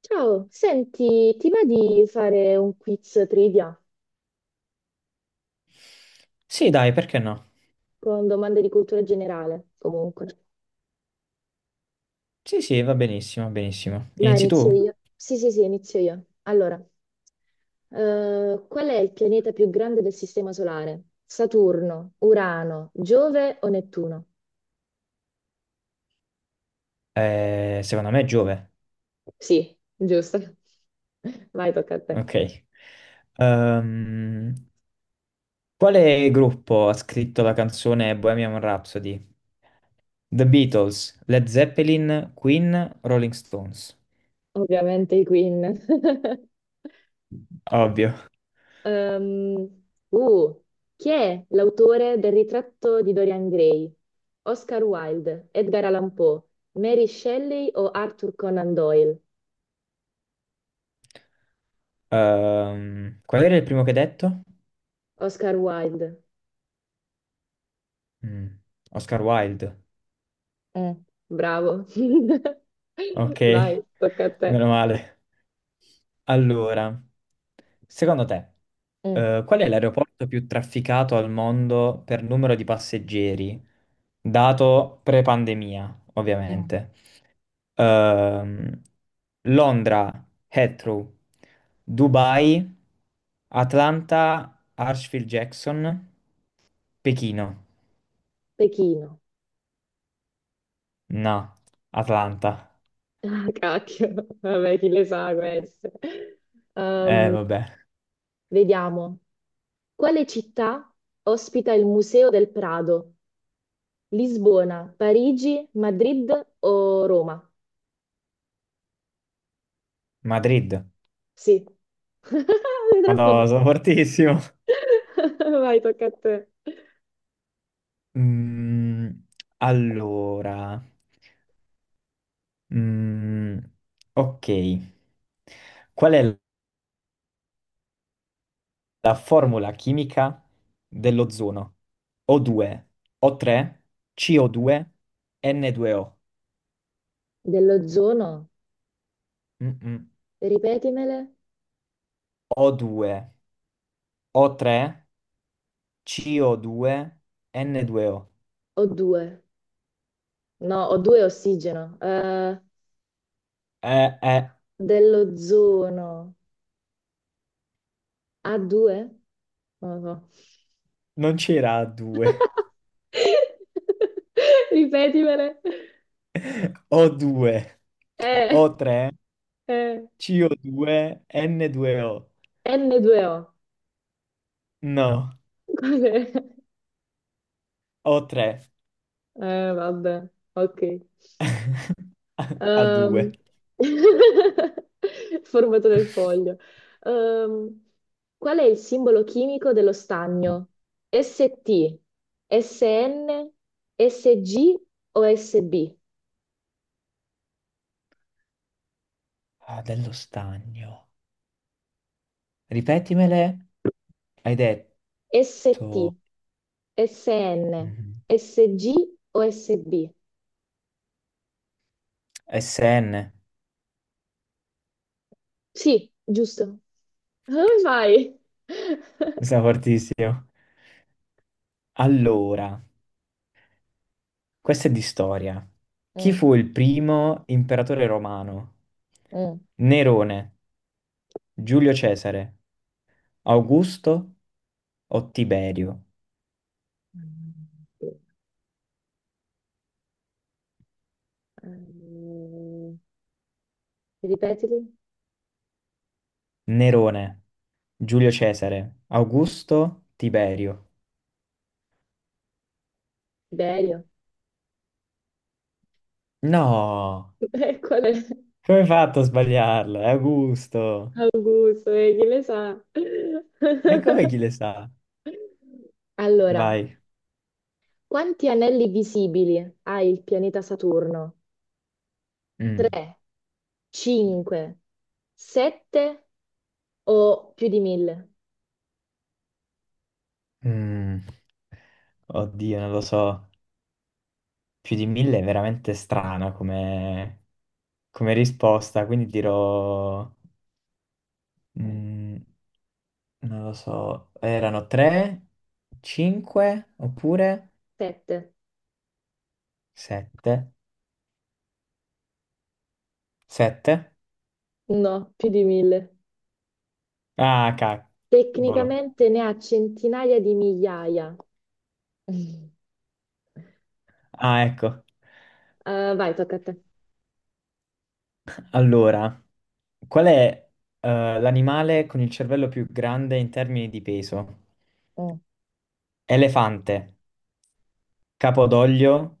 Ciao, senti, ti va di fare un quiz trivia Sì, dai, perché no? con domande di cultura generale? Comunque, Sì, sì, va benissimo, va benissimo. dai, Inizi tu? inizio io. Sì, inizio io. Allora, qual è il pianeta più grande del Sistema Solare? Saturno, Urano, Giove o Nettuno? Secondo me è Giove. Sì, giusto. Vai, tocca a te. Ok. Ehm, quale gruppo ha scritto la canzone Bohemian Rhapsody? The Beatles, Led Zeppelin, Queen, Rolling Stones. Ovviamente i Queen. Ovvio. Ehm, uh, chi è l'autore del ritratto di Dorian Gray? Oscar Wilde, Edgar Allan Poe, Mary Shelley o Arthur Conan Doyle? Qual era il primo che hai detto? Oscar Wilde. Mm, Oscar Wilde. Mm, bravo. Ok, Vai, tocca a te. meno male. Allora, secondo te, Mm, qual è l'aeroporto più trafficato al mondo per numero di passeggeri, dato pre-pandemia, mm. ovviamente? Ehm, Londra, Heathrow, Dubai, Atlanta, Hartsfield-Jackson, Pechino. Pechino. No, Atlanta. Ah, cacchio. Vabbè, chi le sa queste. Ehm, Vabbè. vediamo. Quale città ospita il Museo del Prado? Lisbona, Parigi, Madrid o Roma? Madrid. Sì. Sei troppo Madonna, sono fortissimo. brava. Vai, tocca a te. Mm, allora, mm, ok, qual è la formula chimica dell'ozono? O2, O3, CO2, N2O. Dell'ozono, Mm-mm. ripetimele. O2, O3, CO2, N2O. O2. No, O2 è ossigeno. Eh, eh, Dell'ozono. A2? Non lo so. non c'era A2. Ripetimele. O2, Eh, O3, eh. CO2, N2O. N2O. No, Cos'è? O3. Vabbè. Ok. A due. Ehm, formato del foglio. Ehm, qual è il simbolo chimico dello stagno? ST, SN, SG o SB? Ah, dello stagno. Ripetimele. Hai ST, detto SN, mm, SG o SB? Sn. Sì, giusto. Come fai? Sei fortissimo. Allora, questa è di storia. Chi Mm, fu il primo imperatore romano? mm. Nerone, Giulio Cesare, Augusto o Tiberio? Mm, sì. Ehm, ripetili? Nerone, Giulio Cesare, Augusto, Tiberio. Tiberio. No! Qual è? Come hai fatto a sbagliarla? È a gusto. Gusto, chi le sa? E come chi le sa? Allora, Vai. quanti anelli visibili ha il pianeta Saturno? Mm. 3, 5, 7 o più di 1000? Mm. Oddio, non lo so. Più di 1000 è veramente strana come risposta, quindi dirò... mm, non lo so. Erano tre, cinque, oppure 7. sette? Sette? No, più di 1000. Ah, cavolo. Tecnicamente ne ha centinaia di migliaia. Ah, ecco. Vai, tocca a te. Allora... Qual è, l'animale con il cervello più grande in termini di peso? Mm. Elefante, capodoglio,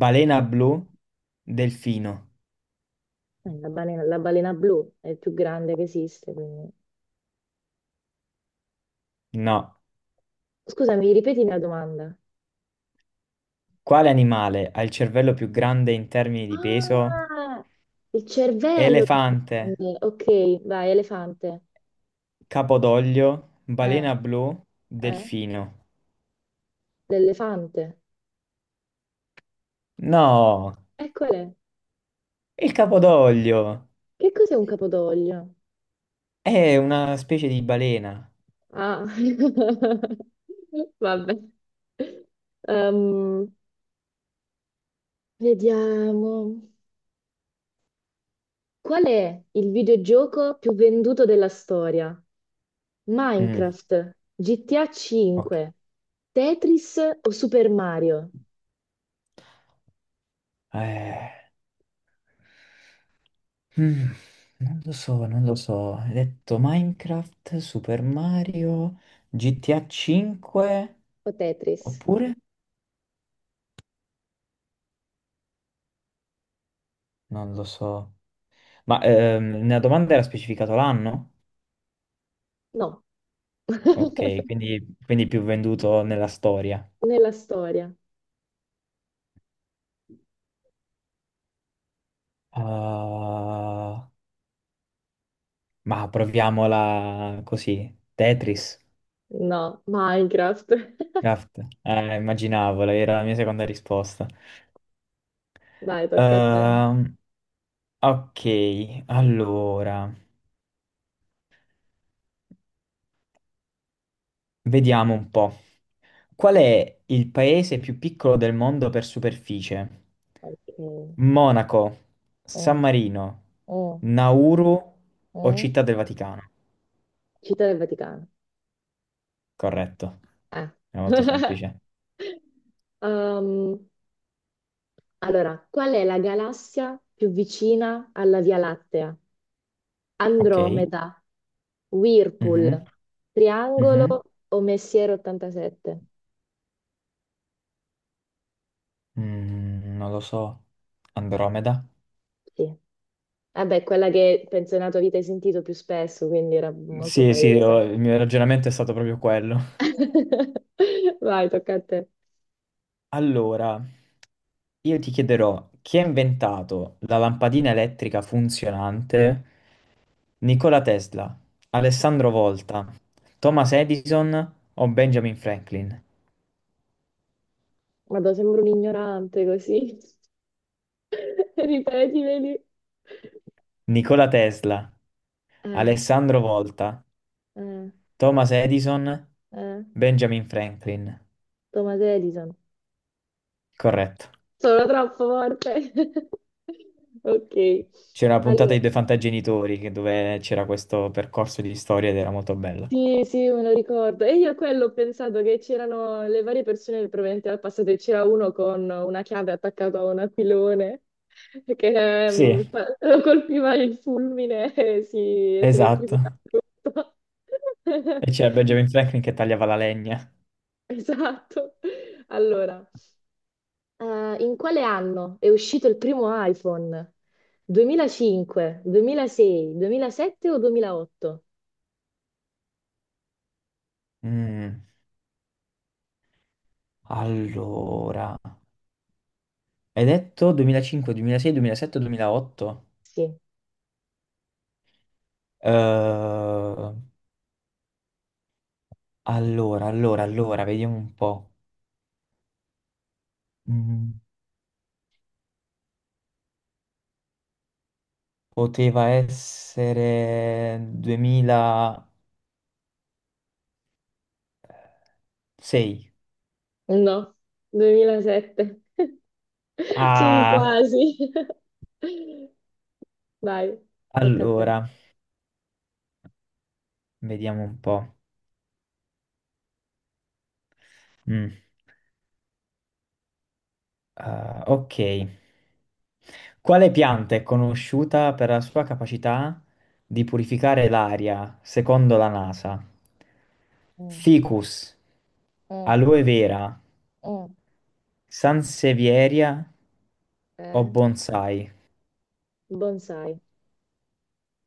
balena blu, delfino. La balena blu è il più grande che esiste, quindi- No. scusami, ripeti la domanda. Quale animale ha il cervello più grande in termini di peso? Ah, il cervello, Elefante, quindi. Ok, vai, elefante. capodoglio, Eh, balena blu, eh, delfino. l'elefante. No, Eccole. il capodoglio Che cos'è un capodoglio? è una specie di balena. Ah, vabbè. Ehm, vediamo. Qual è il videogioco più venduto della storia? Mm, Minecraft, GTA ok. 5, Tetris o Super Mario? Eh. Mm, non lo so, non lo so. Hai detto Minecraft, Super Mario, GTA 5 O Tetris? oppure? Non lo so. Ma nella domanda era specificato l'anno? No. Ok, quindi più venduto nella storia. Nella storia. Ah, ma proviamola così. Tetris, No, Minecraft. Craft. Immaginavo, era la mia seconda risposta. Dai, tocca a te. Ehm, ok, allora, vediamo un po'. Qual è il paese più piccolo del mondo per superficie? Ok. Mm, Monaco, San Marino, mm, Nauru o mm. Città del Vaticano? Città del Vaticano. Corretto, Eh. è molto semplice. Um, allora, qual è la galassia più vicina alla Via Lattea? Ok. Andromeda, Whirlpool, Mhm, Triangolo mhm. o Messier 87? Non lo so. Andromeda? Sì. Vabbè, quella che penso nella tua vita hai sentito più spesso, quindi era molto Sì, sì, palese. il mio ragionamento è stato proprio quello. Vai, tocca a te. Allora, io ti chiederò chi ha inventato la lampadina elettrica funzionante? Nikola Tesla, Alessandro Volta, Thomas Edison o Benjamin Franklin? Vado, sembro un ignorante così. Ripetimeli. Nikola Tesla, Eh, Alessandro Volta, eh, Thomas Edison, eh. Benjamin Franklin. Thomas Edison. Corretto. Sono troppo forte. Ok. C'era una puntata Allora, di Due Fantagenitori dove c'era questo percorso di storia ed era molto bella. sì, sì, me lo ricordo. E io a quello ho pensato che c'erano le varie persone provenienti dal passato e c'era uno con una chiave attaccata a un aquilone che Sì, lo colpiva il fulmine e si elettrificava esatto. tutto. E c'era Benjamin Franklin che tagliava la legna. Esatto. Allora, in quale anno è uscito il primo iPhone? 2005, 2006, 2007 o 2008? Mm, Allora, hai detto 2005, 2006, 2007, 2008? Sì. Eh, allora, vediamo un po'. Mm, poteva essere 2006. No, 2007. C'eri Ah, quasi. Vai, tocca a te. allora, vediamo un po'. Mm, ah, ok. Quale pianta è conosciuta per la sua capacità di purificare l'aria, secondo la NASA? Mm, Ficus, mm, aloe vera, mm. sansevieria o Eh, bonsai? bonsai.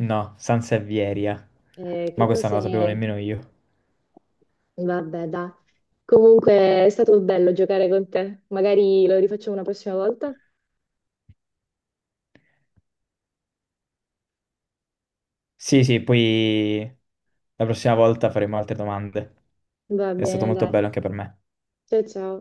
No, San Servieria. Che Ma questa non cos'è? la sapevo nemmeno io. Vabbè, dai. Comunque è stato bello giocare con te. Magari lo rifacciamo una prossima volta. Sì, sì, poi la prossima volta faremo altre domande. Va È stato bene, molto dai. bello anche per me. Ciao ciao.